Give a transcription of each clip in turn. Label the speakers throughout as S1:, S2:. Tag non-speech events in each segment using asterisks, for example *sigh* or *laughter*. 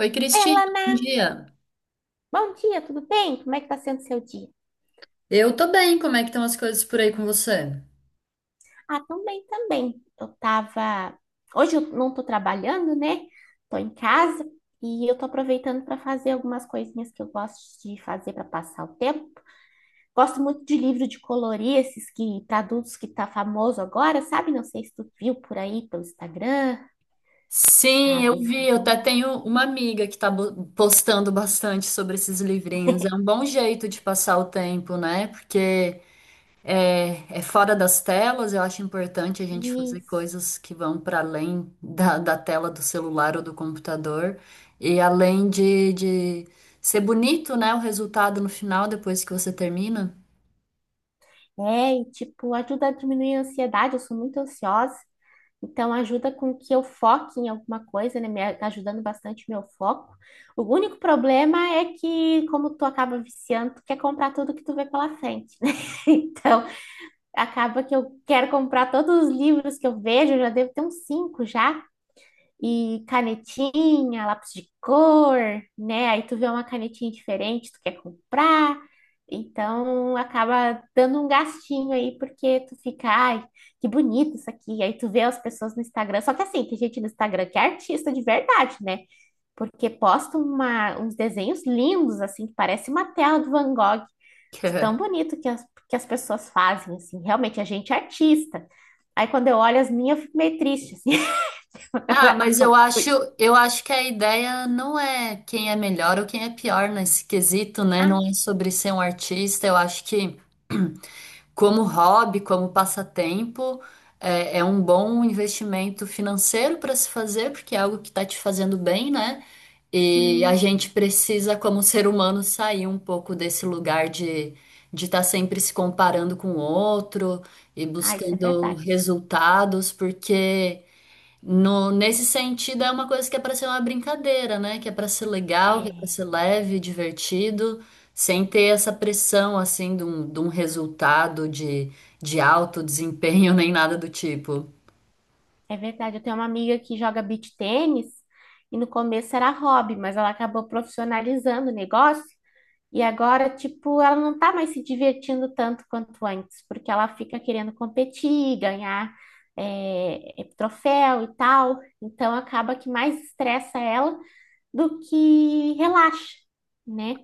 S1: Oi,
S2: Oi,
S1: Cristina,
S2: Alana,
S1: bom dia.
S2: bom dia, tudo bem? Como é que tá sendo seu dia?
S1: Eu tô bem, como é que estão as coisas por aí com você?
S2: Ah, também. Eu tava. Hoje eu não tô trabalhando, né? Tô em casa e eu tô aproveitando para fazer algumas coisinhas que eu gosto de fazer para passar o tempo. Gosto muito de livro de colorir, esses que para adultos que tá famoso agora, sabe? Não sei se tu viu por aí pelo Instagram, tá
S1: Sim, eu
S2: bem
S1: vi. Eu até
S2: famoso.
S1: tenho uma amiga que tá postando bastante sobre esses livrinhos. É um bom jeito de passar o tempo, né? Porque é fora das telas. Eu acho importante a gente fazer
S2: Isso.
S1: coisas que vão para além da tela do celular ou do computador. E além de ser bonito, né? O resultado no final, depois que você termina.
S2: É, e tipo, ajuda a diminuir a ansiedade, eu sou muito ansiosa. Então, ajuda com que eu foque em alguma coisa, né? Ajudando bastante o meu foco. O único problema é que, como tu acaba viciando, tu quer comprar tudo que tu vê pela frente, né? *laughs* Então, acaba que eu quero comprar todos os livros que eu vejo, eu já devo ter uns cinco já, e canetinha, lápis de cor, né? Aí tu vê uma canetinha diferente, tu quer comprar. Então acaba dando um gastinho aí, porque tu fica, ai, que bonito isso aqui. Aí tu vê as pessoas no Instagram. Só que assim, tem gente no Instagram que é artista de verdade, né? Porque uns desenhos lindos, assim, que parece uma tela do Van Gogh, de tão
S1: *laughs*
S2: bonito que que as pessoas fazem, assim. Realmente, a gente é artista. Aí quando eu olho as minhas, eu fico meio triste, assim. *laughs* Não
S1: Ah,
S2: é
S1: mas eu acho,
S2: muito.
S1: eu acho que a ideia não é quem é melhor ou quem é pior nesse quesito, né? Não é sobre ser um artista. Eu acho que como hobby, como passatempo, é um bom investimento financeiro para se fazer, porque é algo que está te fazendo bem, né? E a
S2: Sim.
S1: gente precisa, como ser humano, sair um pouco desse lugar de estar sempre se comparando com o outro e
S2: Ah, isso é
S1: buscando
S2: verdade.
S1: resultados, porque no, nesse sentido, é uma coisa que é para ser uma brincadeira, né? Que é para ser legal, que é para
S2: É,
S1: ser leve, divertido, sem ter essa pressão, assim, de um resultado de alto desempenho *laughs* nem nada do tipo.
S2: é verdade. Eu tenho uma amiga que joga beach tênis e no começo era hobby, mas ela acabou profissionalizando o negócio e agora, tipo, ela não tá mais se divertindo tanto quanto antes, porque ela fica querendo competir, ganhar, troféu e tal. Então acaba que mais estressa ela do que relaxa, né?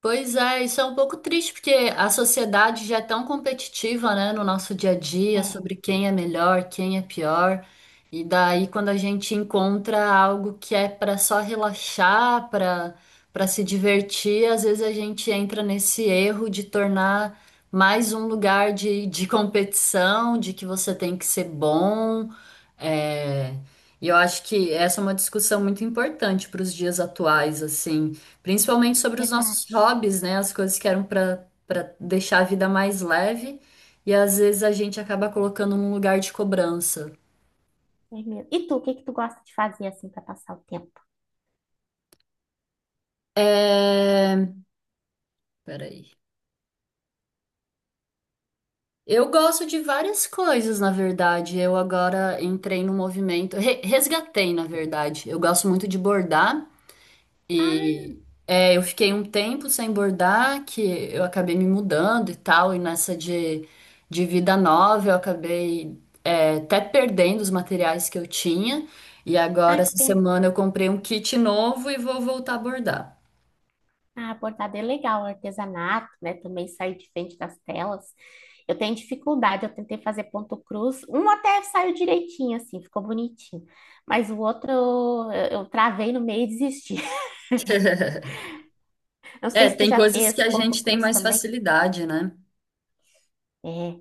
S1: Pois é, isso é um pouco triste, porque a sociedade já é tão competitiva, né, no nosso dia a dia,
S2: É,
S1: sobre quem é melhor, quem é pior. E daí, quando a gente encontra algo que é para só relaxar, para se divertir, às vezes a gente entra nesse erro de tornar mais um lugar de competição, de que você tem que ser bom. É... E eu acho que essa é uma discussão muito importante para os dias atuais, assim. Principalmente sobre os nossos
S2: verdade.
S1: hobbies, né? As coisas que eram para deixar a vida mais leve e às vezes a gente acaba colocando num lugar de cobrança.
S2: É mesmo. E tu, o que que tu gosta de fazer assim para passar o tempo?
S1: É... Peraí. Eu gosto de várias coisas, na verdade. Eu agora entrei no movimento, resgatei, na verdade. Eu gosto muito de bordar.
S2: Ah,
S1: E eu fiquei um tempo sem bordar, que eu acabei me mudando e tal, e nessa de vida nova eu acabei até perdendo os materiais que eu tinha. E
S2: ah,
S1: agora,
S2: que
S1: essa
S2: pena.
S1: semana, eu comprei um kit novo e vou voltar a bordar.
S2: Ah, bordado é legal, artesanato, né? Também sair de frente das telas. Eu tenho dificuldade, eu tentei fazer ponto cruz. Um até saiu direitinho, assim, ficou bonitinho. Mas o outro eu travei no meio e desisti. *laughs* Não
S1: É,
S2: sei se tu
S1: tem
S2: já
S1: coisas que
S2: fez
S1: a
S2: ponto
S1: gente tem
S2: cruz
S1: mais
S2: também.
S1: facilidade, né?
S2: É,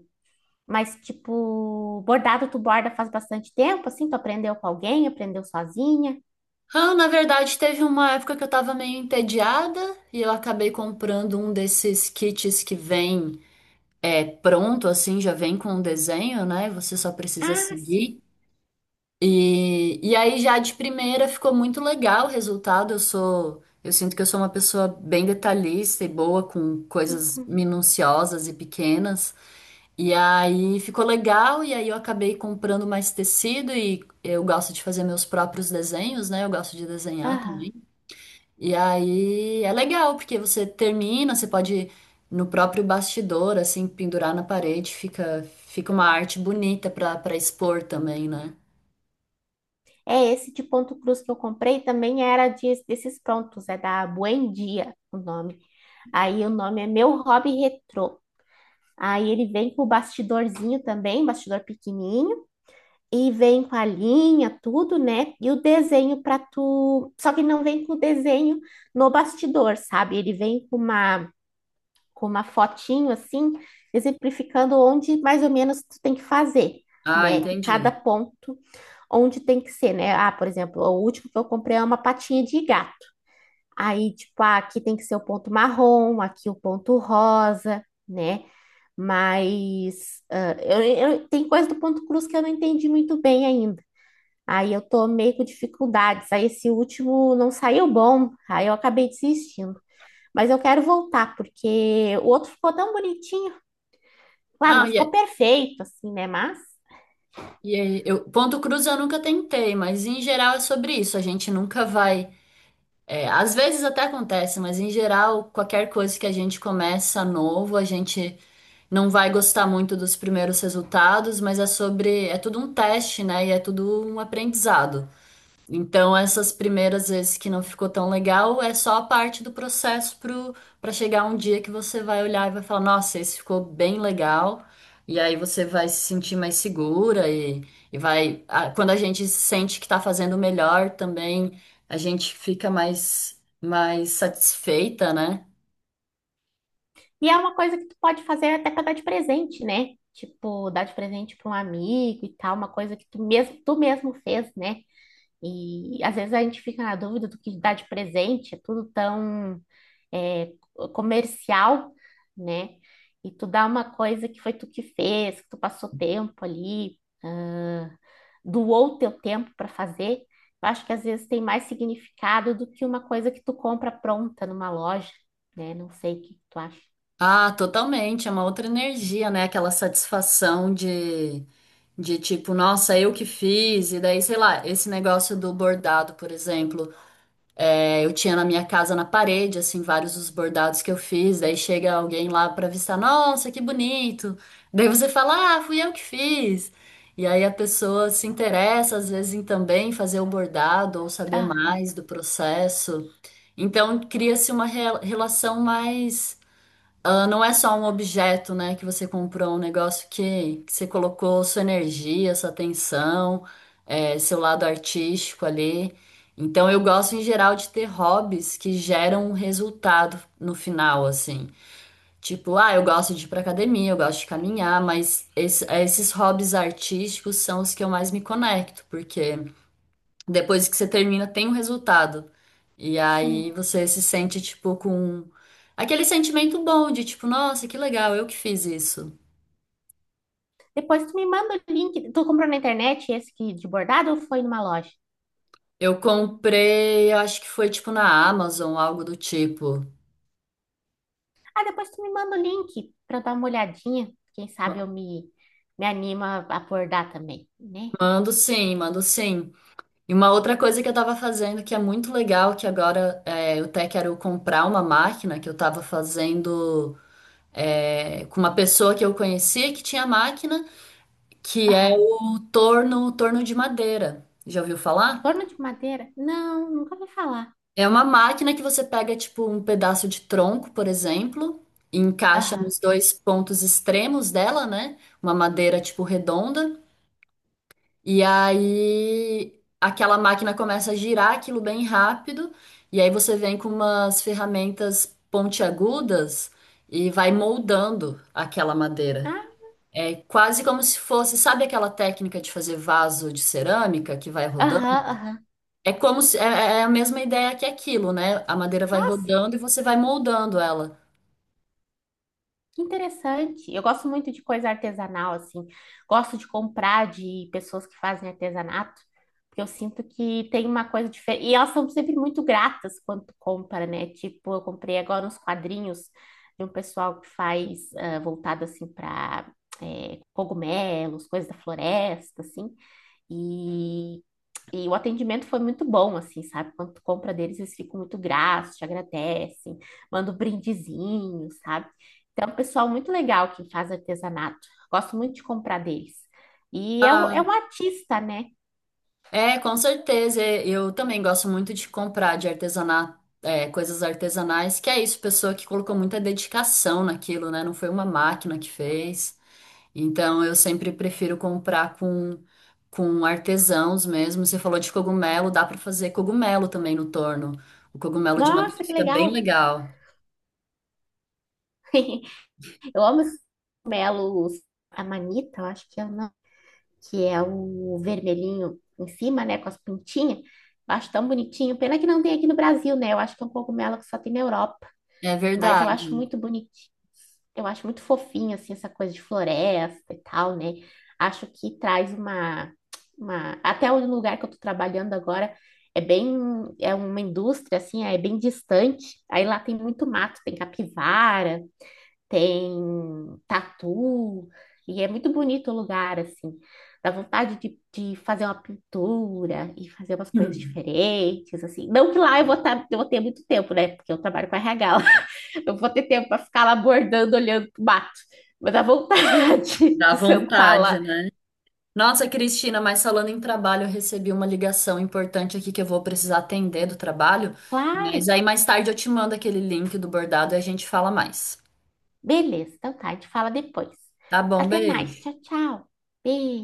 S2: mas tipo, bordado tu borda faz bastante tempo, assim, tu aprendeu com alguém, aprendeu sozinha.
S1: Ah, na verdade, teve uma época que eu tava meio entediada e eu acabei comprando um desses kits que vem. É pronto, assim, já vem com o desenho, né? Você só precisa
S2: Ah, sim.
S1: seguir. E aí já de primeira ficou muito legal o resultado. Eu sinto que eu sou uma pessoa bem detalhista e boa com coisas
S2: Uhum.
S1: minuciosas e pequenas. E aí ficou legal, e aí eu acabei comprando mais tecido e eu gosto de fazer meus próprios desenhos, né? Eu gosto de desenhar
S2: Aham.
S1: também. E aí é legal, porque você termina, você pode no próprio bastidor, assim, pendurar na parede, fica uma arte bonita para expor também, né?
S2: É, esse de ponto cruz que eu comprei também desses prontos, é da Buendia, o nome. Aí o nome é Meu Hobby Retrô. Aí ele vem com o bastidorzinho também, bastidor pequenininho, e vem com a linha, tudo, né? E o desenho para tu, só que não vem com o desenho no bastidor, sabe? Ele vem com uma fotinho assim, exemplificando onde mais ou menos tu tem que fazer,
S1: Ah,
S2: né? E cada
S1: entendi.
S2: ponto onde tem que ser, né? Ah, por exemplo, o último que eu comprei é uma patinha de gato. Aí, tipo, ah, aqui tem que ser o ponto marrom, aqui o ponto rosa né? Mas ah, tem coisa do ponto cruz que eu não entendi muito bem ainda. Aí eu tô meio com dificuldades. Aí esse último não saiu bom. Aí eu acabei desistindo. Mas eu quero voltar, porque o outro ficou tão bonitinho. Claro,
S1: Ah,
S2: não
S1: e,
S2: ficou
S1: é-
S2: perfeito, assim, né? Mas.
S1: ponto cruz eu nunca tentei, mas em geral é sobre isso. A gente nunca vai. É, às vezes até acontece, mas em geral, qualquer coisa que a gente começa novo, a gente não vai gostar muito dos primeiros resultados, mas é sobre. É tudo um teste, né? E é tudo um aprendizado. Então, essas primeiras vezes que não ficou tão legal é só a parte do processo para chegar um dia que você vai olhar e vai falar: Nossa, esse ficou bem legal. E aí você vai se sentir mais segura e vai. Quando a gente sente que está fazendo melhor também, a gente fica mais satisfeita, né?
S2: E é uma coisa que tu pode fazer até pra dar de presente, né? Tipo, dar de presente pra um amigo e tal, uma coisa que tu mesmo fez, né? E às vezes a gente fica na dúvida do que dá de presente, é tudo tão é, comercial, né? E tu dá uma coisa que foi tu que fez, que tu passou tempo ali, ah, doou teu tempo para fazer. Eu acho que às vezes tem mais significado do que uma coisa que tu compra pronta numa loja, né? Não sei o que tu acha.
S1: Ah, totalmente. É uma outra energia, né? Aquela satisfação de. De tipo, nossa, eu que fiz, e daí, sei lá, esse negócio do bordado, por exemplo. É, eu tinha na minha casa, na parede, assim, vários dos bordados que eu fiz. Daí chega alguém lá pra avistar, nossa, que bonito. Daí você fala, ah, fui eu que fiz. E aí a pessoa se interessa, às vezes, em também fazer o bordado ou saber
S2: Ah,
S1: mais do processo. Então cria-se uma relação mais ela não é só um objeto, né, que você comprou, um negócio que você colocou sua energia, sua atenção, seu lado artístico ali. Então eu gosto em geral de ter hobbies que geram um resultado no final, assim. Tipo, ah, eu gosto de ir pra academia, eu gosto de caminhar, mas esses hobbies artísticos são os que eu mais me conecto, porque depois que você termina, tem um resultado. E aí
S2: sim.
S1: você se sente, tipo, com aquele sentimento bom de, tipo, nossa, que legal, eu que fiz isso.
S2: Depois tu me manda o link. Tu comprou na internet esse que de bordado ou foi numa loja?
S1: Eu comprei, eu acho que foi, tipo, na Amazon, algo do tipo.
S2: Ah, depois tu me manda o link para dar uma olhadinha. Quem sabe
S1: Ma-
S2: me animo a abordar também, né?
S1: Mando sim, mando sim. E uma outra coisa que eu tava fazendo que é muito legal, que agora é, eu até quero comprar uma máquina que eu tava fazendo com uma pessoa que eu conhecia que tinha máquina, que é
S2: Aham.
S1: o torno, torno de madeira. Já ouviu falar?
S2: Torno de madeira? Não, nunca ouvi falar.
S1: É uma máquina que você pega, tipo, um pedaço de tronco, por exemplo, e encaixa
S2: Aham.
S1: nos dois pontos extremos dela, né? Uma madeira, tipo, redonda. E aí aquela máquina começa a girar aquilo bem rápido. E aí você vem com umas ferramentas pontiagudas e vai moldando aquela madeira.
S2: Ah,
S1: É quase como se fosse, sabe aquela técnica de fazer vaso de cerâmica que vai rodando?
S2: aham.
S1: É como se, é é a mesma ideia que aquilo, né? A madeira vai
S2: Nossa,
S1: rodando e você vai moldando ela.
S2: que interessante. Eu gosto muito de coisa artesanal, assim. Gosto de comprar de pessoas que fazem artesanato, porque eu sinto que tem uma coisa diferente. E elas são sempre muito gratas quando tu compra, né? Tipo, eu comprei agora uns quadrinhos de um pessoal que faz ah, voltado, assim, para cogumelos, coisas da floresta, assim. E e o atendimento foi muito bom, assim, sabe? Quando tu compra deles, eles ficam muito gratos, te agradecem, mandam um brindezinho, sabe? Então, é um pessoal muito legal que faz artesanato. Gosto muito de comprar deles. E é é
S1: Ah,
S2: um artista, né?
S1: com certeza. É, eu também gosto muito de comprar de artesanato, é, coisas artesanais, que é isso, pessoa que colocou muita dedicação naquilo, né? Não foi uma máquina que fez. Então eu sempre prefiro comprar com artesãos mesmo. Você falou de cogumelo, dá para fazer cogumelo também no torno. O cogumelo de madeira
S2: Nossa, que
S1: fica
S2: legal!
S1: bem legal.
S2: *laughs* Eu amo esses cogumelos. A manita, eu acho que é o nome, que é o vermelhinho em cima, né? Com as pintinhas. Eu acho tão bonitinho. Pena que não tem aqui no Brasil, né? Eu acho que é um cogumelo que só tem na Europa.
S1: É
S2: Mas eu
S1: verdade.
S2: acho muito bonitinho. Eu acho muito fofinho, assim, essa coisa de floresta e tal, né? Acho que traz uma... Até o lugar que eu tô trabalhando agora é bem... É uma indústria, assim, é bem distante. Aí lá tem muito mato, tem capivara, tem tatu. E é muito bonito o lugar, assim. Dá vontade de fazer uma pintura e fazer umas coisas
S1: *laughs*
S2: diferentes, assim. Não que lá eu vou, tá, eu vou ter muito tempo, né? Porque eu trabalho com RH, eu vou ter tempo para ficar lá bordando, olhando pro mato. Mas a vontade *laughs*
S1: Dá
S2: de sentar lá.
S1: vontade, né? Nossa, Cristina, mas falando em trabalho, eu recebi uma ligação importante aqui que eu vou precisar atender do trabalho.
S2: Claro,
S1: Mas aí mais tarde eu te mando aquele link do bordado e a gente fala mais.
S2: beleza, então tá, a gente fala depois.
S1: Tá bom,
S2: Até mais,
S1: beijo.
S2: tchau, tchau. Beijo.